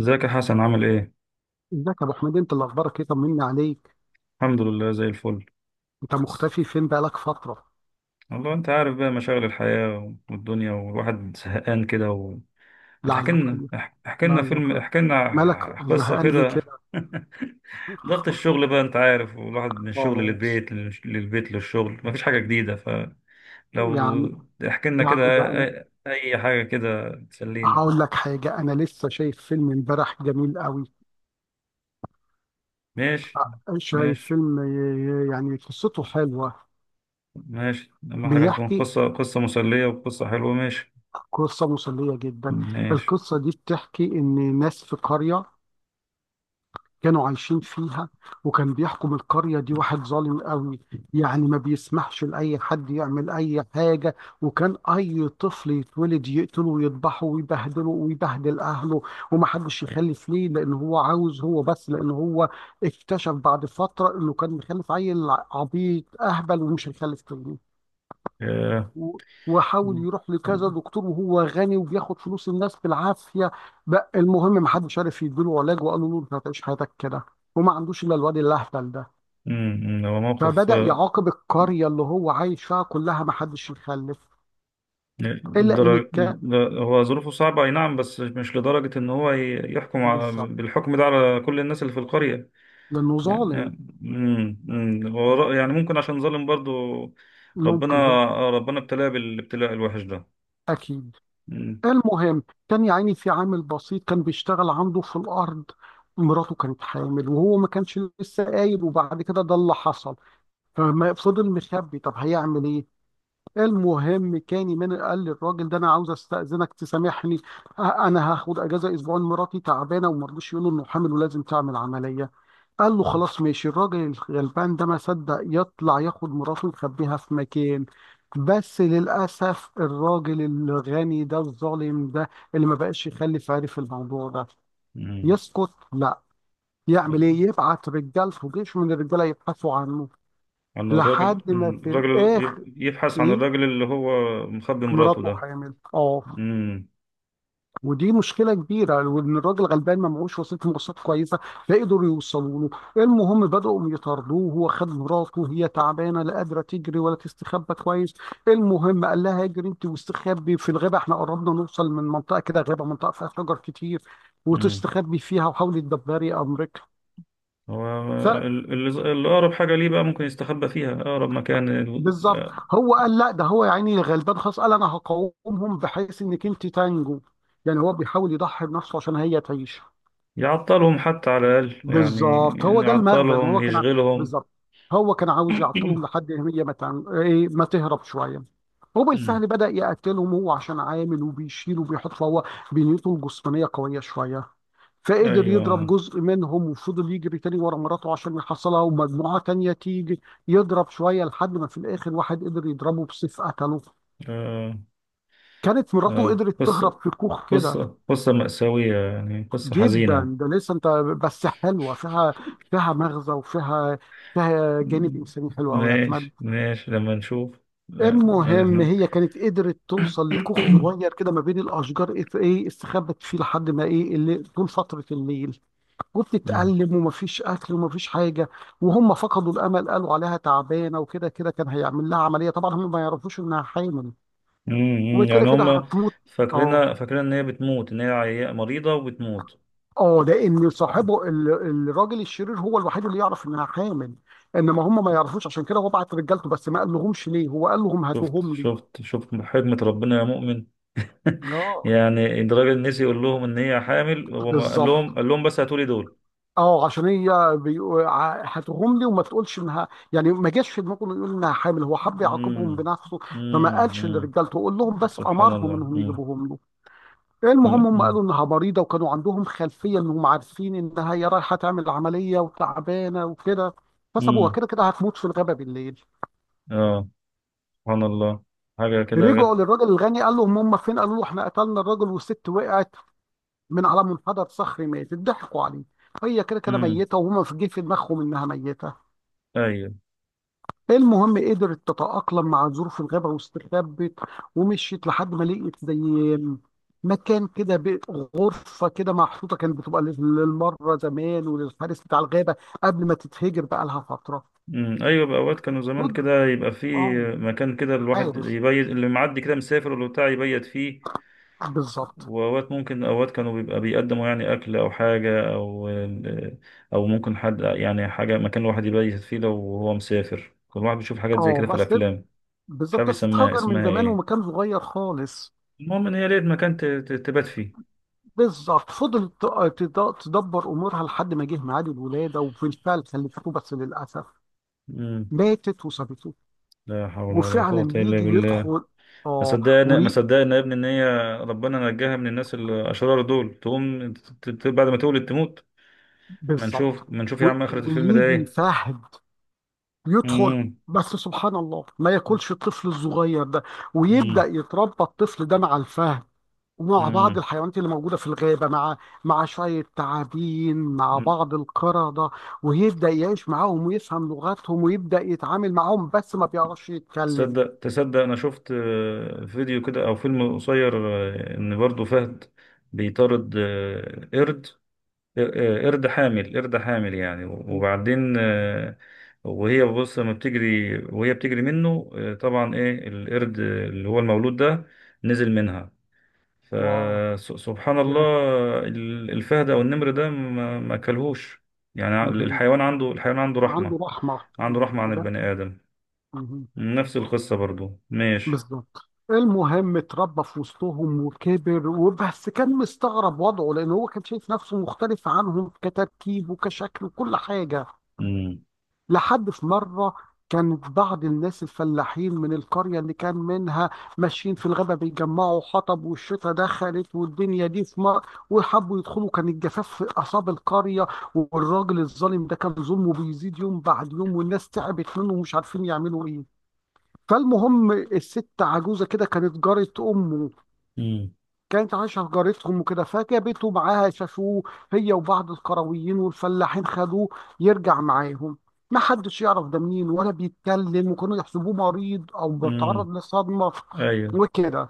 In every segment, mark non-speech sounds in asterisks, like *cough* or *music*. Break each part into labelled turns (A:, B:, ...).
A: ازيك يا حسن؟ عامل ايه؟
B: ازيك يا ابو حميد؟ انت اللي اخبارك ايه؟ طمني عليك.
A: الحمد لله، زي الفل.
B: انت مختفي فين؟ بقالك فتره.
A: والله انت عارف بقى، مشاغل الحياة والدنيا، والواحد زهقان كده احكي
B: لعله
A: لنا
B: خير.
A: احكي لنا
B: لعله
A: فيلم،
B: خير.
A: احكي
B: مالك
A: لنا قصة
B: زهقان ليه
A: كده. *laughs*
B: كده؟
A: ضغط الشغل بقى، انت عارف، والواحد من الشغل
B: خلاص.
A: للبيت، للشغل، مفيش حاجة جديدة، فلو
B: يا عم،
A: احكي لنا
B: يا عم
A: كده
B: بقى انا
A: اي أي حاجة كده تسلينا.
B: هقول لك حاجه. انا لسه شايف فيلم امبارح جميل قوي.
A: ماشي،
B: شايف
A: ماشي،
B: فيلم، آه، يعني قصته حلوه.
A: ماشي، اهم حاجة تكون
B: بيحكي
A: قصة مسلية، وقصة حلوة. ماشي،
B: قصه مسليه جدا.
A: ماشي.
B: القصه دي بتحكي ان ناس في قريه كانوا عايشين فيها، وكان بيحكم القرية دي واحد ظالم قوي. يعني ما بيسمحش لأي حد يعمل أي حاجة، وكان أي طفل يتولد يقتله ويذبحه ويبهدله ويبهدل أهله ومحدش يخلف ليه، لأن هو عاوز هو بس. لأن هو اكتشف بعد فترة إنه كان مخلف عيل عبيط أهبل ومش هيخلف تاني.
A: آه.
B: و- وحاول
A: امم.
B: يروح لكذا دكتور، وهو غني وبياخد فلوس الناس بالعافيه. بقى المهم ما حدش عارف يديله علاج، وقالوا له انت هتعيش حياتك كده وما عندوش الا الواد الاهبل ده.
A: هو موقف،
B: فبدا
A: آه،
B: يعاقب القريه اللي هو عايش فيها كلها، ما حدش يخلف الا ان
A: درج... هو ظروفه صعبة، أي نعم، بس مش لدرجة إن هو يحكم
B: بالظبط
A: بالحكم ده على كل الناس اللي في القرية،
B: لانه
A: يعني.
B: ظالم.
A: امم، أمم. هو
B: اه،
A: يعني ممكن عشان ظالم برضو. ربنا
B: ممكن هو.
A: ربنا ابتلاه بالابتلاء الوحش ده.
B: اكيد.
A: امم،
B: المهم كان يا عيني في عامل بسيط كان بيشتغل عنده في الارض. مراته كانت حامل وهو ما كانش لسه قايل، وبعد كده ده اللي حصل. ففضل مخبي، طب هيعمل ايه؟ المهم كاني من قال للراجل ده انا عاوز استاذنك تسامحني. انا هاخد اجازه اسبوعين، مراتي تعبانه وما رضوش يقولوا انه حامل ولازم تعمل عمليه. قال له خلاص ماشي. الراجل الغلبان ده ما صدق يطلع ياخد مراته ويخبيها في مكان. بس للاسف الراجل الغني ده الظالم ده اللي ما بقاش يخلف عرف الموضوع ده.
A: أمم.
B: يسكت؟ لا. يعمل ايه؟ يبعت رجالته جيش من الرجاله يبحثوا عنه.
A: عن الراجل.
B: لحد ما
A: أمم.
B: في
A: الراجل
B: الاخر،
A: يبحث عن
B: ايه،
A: الراجل اللي هو مخبي مراته
B: مراته
A: ده.
B: حامل. اه،
A: امم.
B: ودي مشكله كبيره، وان الراجل غلبان ما معهوش وسيله مواصلات كويسه. لا قدروا يوصلوا له. المهم بداوا يطاردوه. هو خد مراته، هي تعبانه، لا قادره تجري ولا تستخبى كويس. المهم قال لها اجري انت واستخبي في الغابه، احنا قربنا نوصل من منطقه كده غابه، منطقه فيها شجر كتير وتستخبي فيها وحاولي تدبري امرك.
A: هو
B: ف
A: الأقرب حاجة ليه بقى، ممكن يستخبى فيها، أقرب مكان
B: بالظبط. هو قال لا، ده هو يا عيني غلبان خلاص، قال انا هقاومهم بحيث انك انت تنجو. يعني هو بيحاول يضحي بنفسه عشان هي تعيش.
A: يعطلهم حتى على الأقل، يعني
B: بالظبط. هو ده المغزى، ان
A: يعطلهم،
B: هو كان
A: يشغلهم.
B: بالظبط. هو كان عاوز
A: *coughs*
B: يعطلهم لحد إن هي ما تعمل ايه، ما تهرب شويه.
A: أمم.
B: وبالفعل بدأ يقتلهم هو عشان عامل وبيشيل وبيحط، فهو بنيته الجسمانيه قويه شويه. فقدر يضرب
A: أيوة.
B: جزء منهم وفضل يجري تاني ورا مراته عشان يحصلها، ومجموعه تانيه تيجي يضرب شويه، لحد ما في الاخر واحد قدر يضربه بسيف قتله.
A: آه.
B: كانت مراته
A: آه،
B: قدرت تهرب
A: قصة
B: في كوخ كده.
A: قصة قصة مأساوية، يعني قصة حزينة.
B: جدا ده لسه انت. بس حلوه فيها، فيها مغزى وفيها، فيها جانب انساني حلو قوي يا احمد.
A: ماشي، ماشي، لما نشوف. آه،
B: المهم
A: إحنا.
B: هي كانت قدرت توصل لكوخ
A: *coughs*
B: صغير كده ما بين الاشجار، ايه، إيه، استخبت فيه لحد ما، ايه اللي طول فتره الليل
A: مم.
B: وبتتألم ومفيش اكل ومفيش حاجه. وهم فقدوا الامل، قالوا عليها تعبانه وكده كده كان هيعمل لها عمليه طبعا، هم ما يعرفوش انها حامل
A: مم،
B: وكده
A: يعني
B: كده
A: هم
B: هتموت. اه.
A: فاكرين إن هي بتموت، إن هي مريضة وبتموت.
B: اه، لان صاحبه الراجل الشرير هو الوحيد اللي يعرف انها حامل. انما هم ما يعرفوش، عشان كده هو بعت رجالته بس ما قال لهمش ليه، هو قال لهم
A: شفت،
B: هاتوهم لي.
A: شفت، شفت حكمة ربنا يا مؤمن. *laughs*
B: اه.
A: يعني الراجل نسي يقول لهم ان هي حامل، هو ما قال
B: بالظبط.
A: لهم قال لهم بس هاتولي دول.
B: اه، عشان هي هاتوهم لي وما تقولش انها، يعني ما جاش في دماغه انه يقول انها حامل، هو حب يعاقبهم
A: امم.
B: بنفسه. فما قالش
A: امم.
B: لرجالته قول لهم بس،
A: سبحان
B: امرهم
A: الله.
B: انهم يجيبوهم له. المهم هم
A: امم.
B: قالوا انها مريضه، وكانوا عندهم خلفيه انهم عارفين انها هي رايحه تعمل عمليه وتعبانه وكده. فسابوها
A: امم.
B: كده كده هتموت في الغابه بالليل.
A: اه. سبحان الله، حاجة كده
B: رجعوا
A: غير.
B: للراجل الغني، قال لهم هم فين، قالوا له احنا قتلنا الراجل والست وقعت من على منحدر صخري ماتت. ضحكوا عليه، هي كده كده
A: امم.
B: ميته، وهم في جه في دماغهم انها ميته.
A: ايوه.
B: المهم قدرت تتأقلم مع ظروف الغابة، واستخبت ومشيت لحد ما لقيت زي مكان كده، غرفة كده محطوطة كانت بتبقى للمرة زمان وللحارس بتاع الغابة، قبل ما تتهجر بقى لها فترة.
A: امم. ايوه بقى، اوقات كانوا زمان
B: خد-
A: كده يبقى في
B: اه.
A: مكان كده، الواحد
B: حارس،
A: يبيت، اللي معدي كده مسافر ولا بتاع يبيت فيه.
B: بالظبط.
A: وأوقات ممكن، أوقات كانوا بيبقى بيقدموا يعني أكل أو حاجة، أو أو ممكن حد يعني حاجة، مكان الواحد يبيت فيه لو هو مسافر. كل واحد بيشوف حاجات زي
B: اه
A: كده في
B: بس،
A: الأفلام. مش عارف
B: بالظبط بس
A: يسميها،
B: اتهجر من
A: اسمها
B: زمان،
A: إيه.
B: ومكان صغير خالص.
A: المهم إن هي لقيت مكان تبات فيه.
B: بالظبط. فضلت تدبر امورها لحد ما جه ميعاد الولاده، وبالفعل خلفته، بس للاسف
A: مم.
B: ماتت وسابته.
A: لا حول ولا قوة
B: وفعلا
A: إلا
B: يجي
A: بالله.
B: يدخل.
A: ما
B: اه.
A: صدقنا ما
B: وي-
A: صدقنا يا ابني إن هي ربنا نجاها من الناس الأشرار دول، تقوم بعد ما تولد تموت. ما
B: بالظبط.
A: نشوف ما نشوف
B: و-
A: يا عم آخرة الفيلم ده
B: ويجي
A: إيه.
B: فهد يدخل،
A: مم.
B: بس سبحان الله ما ياكلش الطفل الصغير ده. ويبدا
A: مم.
B: يتربى الطفل ده مع الفهد، مع بعض الحيوانات اللي موجودة في الغابة، مع شوية تعابين مع
A: مم.
B: بعض القردة. ويبدأ يعيش معاهم ويفهم لغتهم ويبدأ يتعامل معاهم بس ما بيعرفش يتكلم.
A: تصدق انا شفت فيديو كده، او فيلم قصير، ان برضو فهد بيطارد قرد، آه، قرد حامل يعني، وبعدين، آه، وهي بتجري منه، طبعا، ايه القرد اللي هو المولود ده نزل منها،
B: واو.
A: فسبحان الله.
B: ياه.
A: الفهد او النمر ده ما اكلهوش. يعني
B: مهم.
A: الحيوان عنده رحمة،
B: عنده رحمة.
A: عنده رحمة عن
B: بجد.
A: البني آدم.
B: مهم.
A: نفس القصة برضو. ماشي.
B: بالظبط. المهم اتربى في وسطهم وكبر، وبس كان مستغرب وضعه لأن هو كان شايف نفسه مختلف عنهم كتركيب وكشكل وكل حاجة.
A: امم،
B: لحد في مرة كانت بعض الناس الفلاحين من القرية اللي كان منها ماشيين في الغابة بيجمعوا حطب، والشتا دخلت والدنيا دي في مر وحبوا يدخلوا، كان الجفاف في أعصاب القرية. والراجل الظالم ده كان ظلمه بيزيد يوم بعد يوم، والناس تعبت منه ومش عارفين يعملوا إيه. فالمهم الست عجوزة كده كانت جارة أمه،
A: امم،
B: كانت عايشة في جارتهم وكده، فجابته معاها. شافوه هي وبعض القرويين والفلاحين، خدوه يرجع معاهم. ما حدش يعرف ده منين ولا بيتكلم، وكانوا يحسبوه مريض او
A: امم.
B: بيتعرض لصدمة
A: ايوه.
B: وكده.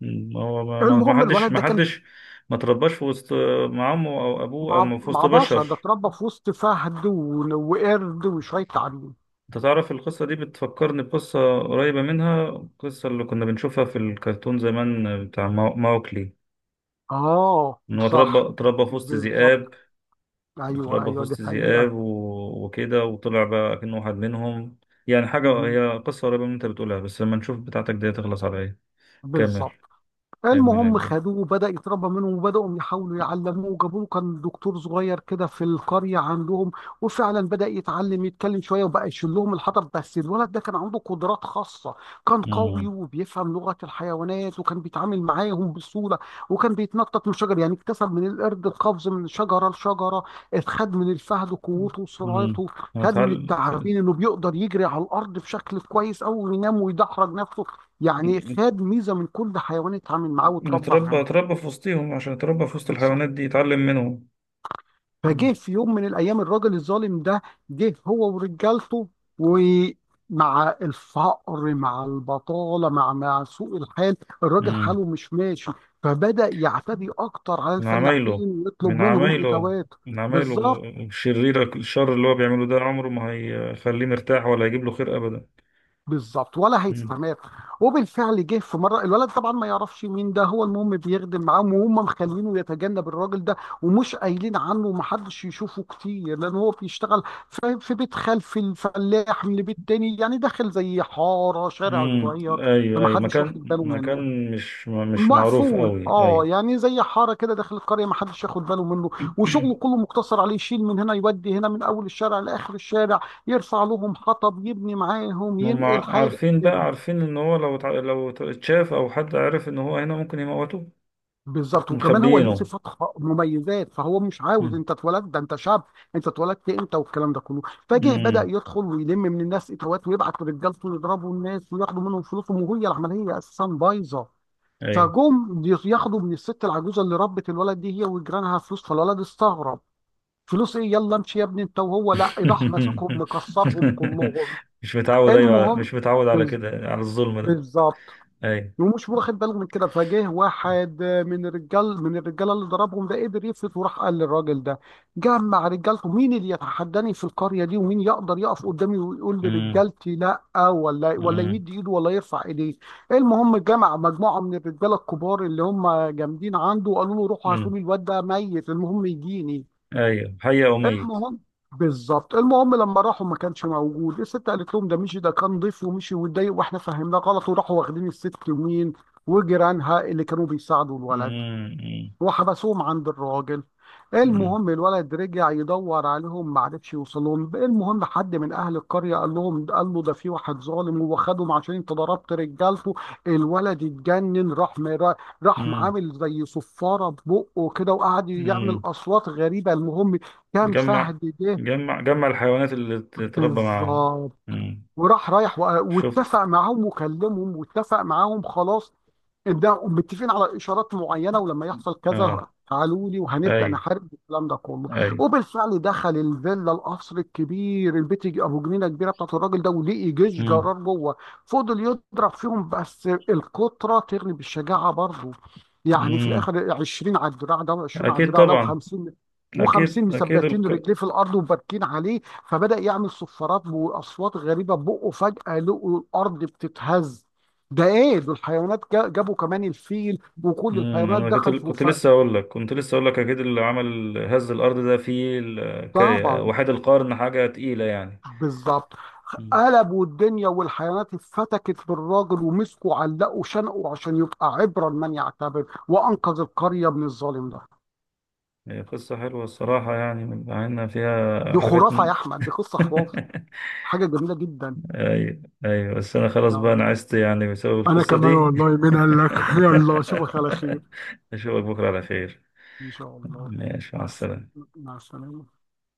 A: مم. ما هو، ما ما ما
B: المهم
A: حدش
B: الولد
A: ما
B: ده كان
A: حدش ما ترباش في وسط، مع عمه او ابوه،
B: مع
A: او في وسط
B: مع بشر.
A: بشر.
B: ده اتربى في وسط فهد ون- وقرد وشوية تعابين.
A: انت تعرف القصه دي بتفكرني بقصه قريبه منها، القصه اللي كنا بنشوفها في الكرتون زمان، بتاع ماوكلي.
B: اه.
A: ان هو اتربى
B: صح.
A: اتربى في وسط ذئاب،
B: بالظبط. ايوه
A: اتربى في
B: ايوه دي
A: وسط ذئاب
B: حقيقة.
A: وكده، وطلع بقى كأنه واحد منهم. يعني حاجه،
B: مهم.
A: هي قصه قريبه من اللي انت بتقولها، بس لما نشوف بتاعتك دي تخلص على ايه. كمل
B: بالظبط.
A: كمل
B: المهم
A: يا
B: خدوه وبدأ يتربى منهم، وبدأوا يحاولوا يعلموه وجابوا له كان دكتور صغير كده في القرية عندهم. وفعلا بدأ يتعلم يتكلم شوية، وبقى يشيل لهم الحطب. بس الولد ده كان عنده قدرات خاصة. كان
A: بيه.
B: قوي وبيفهم لغة الحيوانات وكان بيتعامل معاهم بسهولة. وكان بيتنطط من شجر، يعني اكتسب من القرد القفز من شجرة لشجرة، اتخد من الفهد قوته
A: مم.
B: وسرعته،
A: هو
B: خد من
A: اتعلم.
B: التعابين انه بيقدر يجري على الأرض بشكل كويس أوي وينام ويدحرج نفسه. يعني خد ميزه من كل حيوان اتعامل معاه واتربى
A: نتربى
B: معاه.
A: اتربى في وسطهم، عشان اتربى في وسط
B: بالظبط.
A: الحيوانات دي يتعلم منهم. مم.
B: فجه في يوم من الايام الراجل الظالم ده، جه هو ورجالته. ومع الفقر مع البطاله مع سوء الحال، الراجل
A: مم.
B: حاله مش ماشي. فبدأ يعتدي اكتر على
A: من عمايله
B: الفلاحين ويطلب
A: من
B: منهم
A: عمايله
B: اتاوات.
A: من عمايله
B: بالظبط.
A: الشريرة، الشر اللي هو بيعمله ده عمره ما هيخليه مرتاح، ولا هيجيب له خير أبدا.
B: بالظبط ولا
A: مم.
B: هيستمر. وبالفعل جه في مره، الولد طبعا ما يعرفش مين ده، هو المهم بيخدم معاهم وهم مخلينه يتجنب الراجل ده، ومش قايلين عنه ومحدش يشوفه كتير لان هو بيشتغل في بيت خلف الفلاح من بيت تاني، يعني داخل زي حاره شارع
A: مم.
B: صغير.
A: أيوه، أيوه،
B: فمحدش
A: مكان
B: واخد باله منه،
A: مكان مش معروف
B: مقفول،
A: قوي،
B: اه،
A: أيوه.
B: يعني زي حاره كده داخل القريه ما حدش ياخد باله منه. وشغله كله
A: *clears throat*
B: مقتصر عليه يشيل من هنا يودي هنا، من اول الشارع لاخر الشارع، يرفع لهم حطب يبني معاهم
A: هم
B: ينقل حاجه
A: عارفين بقى،
B: كده.
A: عارفين إن هو لو لو اتشاف أو حد عرف إن هو هنا ممكن يموتوه.
B: بالظبط. وكمان هو ليه
A: مخبيينه.
B: صفات مميزات، فهو مش عاوز. انت اتولدت ده، انت شاب، انت اتولدت امتى، والكلام ده كله. فجه بدأ
A: امم،
B: يدخل ويلم من الناس اتوات، ويبعت رجالته يضربوا الناس وياخدوا منهم فلوسهم، وهي العمليه اساسا بايظه.
A: ايوه.
B: فجم ياخدوا من الست العجوزه اللي ربت الولد دي هي وجيرانها فلوس، فالولد استغرب فلوس ايه يلا امشي يا ابني انت وهو، لا
A: *laughs*
B: راح ماسكهم مكسرهم كلهم.
A: مش متعود ايوه على-
B: المهم
A: مش متعود على
B: بز-
A: كده، على الظلم ده.
B: بالظبط.
A: ايوه.
B: ومش واخد باله من كده. فجه واحد من الرجال من الرجاله اللي ضربهم ده قدر يفلت وراح قال للراجل ده، جمع رجالته، مين اللي يتحداني في القريه دي، ومين يقدر يقف قدامي ويقول
A: امم،
B: لرجالتي لا، ولا
A: امم،
B: يمد ايده ولا يرفع ايديه. المهم جمع مجموعه من الرجاله الكبار اللي هم جامدين عنده، وقالوا له روحوا هاتوا
A: امم،
B: لي الواد ده ميت، المهم يجيني.
A: ايوه، حي او ميت.
B: المهم. بالظبط. المهم لما راحوا ما كانش موجود، الست قالت لهم ده مشي، ده كان ضيف ومشي واتضايق واحنا فهمناه غلط. وراحوا واخدين الست يمين وجيرانها اللي كانوا بيساعدوا الولد،
A: امم.
B: وحبسوهم عند الراجل.
A: امم،
B: المهم الولد رجع يدور عليهم ما عرفش يوصلهم، المهم حد من اهل القريه قال لهم، قال له ده في واحد ظالم وخدهم عشان انت ضربت رجالته. الولد اتجنن، راح
A: امم،
B: عامل زي صفاره ببقه كده وقعد يعمل
A: امم.
B: اصوات غريبه. المهم كان
A: جمع
B: فهد ده.
A: جمع الحيوانات اللي تتربى معاهم.
B: بالظبط.
A: امم.
B: وراح رايح
A: شفت.
B: واتفق معاهم وكلمهم واتفق معاهم خلاص، ان ده متفقين على اشارات معينه ولما يحصل كذا
A: اه،
B: تعالوا لي وهنبدا
A: ايوه،
B: نحارب الكلام ده كله.
A: ايوه.
B: وبالفعل دخل الفيلا، القصر الكبير، البيت ابو جنينه كبيره بتاعت الراجل ده، ولقي جيش جرار
A: امم،
B: جوه. فضل يضرب فيهم، بس القطره تغلب بالشجاعه برضه. يعني في
A: امم،
B: الاخر 20 على الدراع ده و20 على
A: اكيد
B: الدراع ده
A: طبعا.
B: و50 و50
A: اكيد، اكيد.
B: مثبتين رجليه في الارض وباركين عليه. فبدأ يعمل صفارات وأصوات غريبة بقه، فجأة لقوا الأرض بتتهز، ده إيه دول؟ الحيوانات جابوا كمان الفيل وكل
A: امم،
B: الحيوانات
A: انا كنت
B: دخلت.
A: كنت
B: وف...
A: لسه اقول لك كنت لسه اقول لك اكيد اللي عمل هز الارض ده فيه
B: طبعا.
A: وحيد القرن، حاجه تقيله، يعني.
B: بالظبط.
A: مم.
B: قلبوا الدنيا، والحيوانات اتفتكت بالراجل ومسكوا علقوا شنقوا عشان يبقى عبرة لمن يعتبر، وأنقذ القرية من الظالم ده.
A: هي قصه حلوه الصراحه، يعني مع ان فيها
B: دي
A: حاجات
B: خرافة يا أحمد، دي قصة خرافة.
A: *laughs*
B: حاجة جميلة جدا.
A: ايوه، ايوه، بس انا خلاص
B: يا
A: بقى، انا
B: الله.
A: عشت يعني بسبب
B: أنا
A: القصه
B: كمان
A: دي.
B: والله، مين قال لك. *laughs* يلا أشوفك على خير.
A: *laughs* اشوفك بكره على خير.
B: إن شاء الله.
A: ماشي، مع
B: مع الس-
A: السلامه.
B: مع السلامة.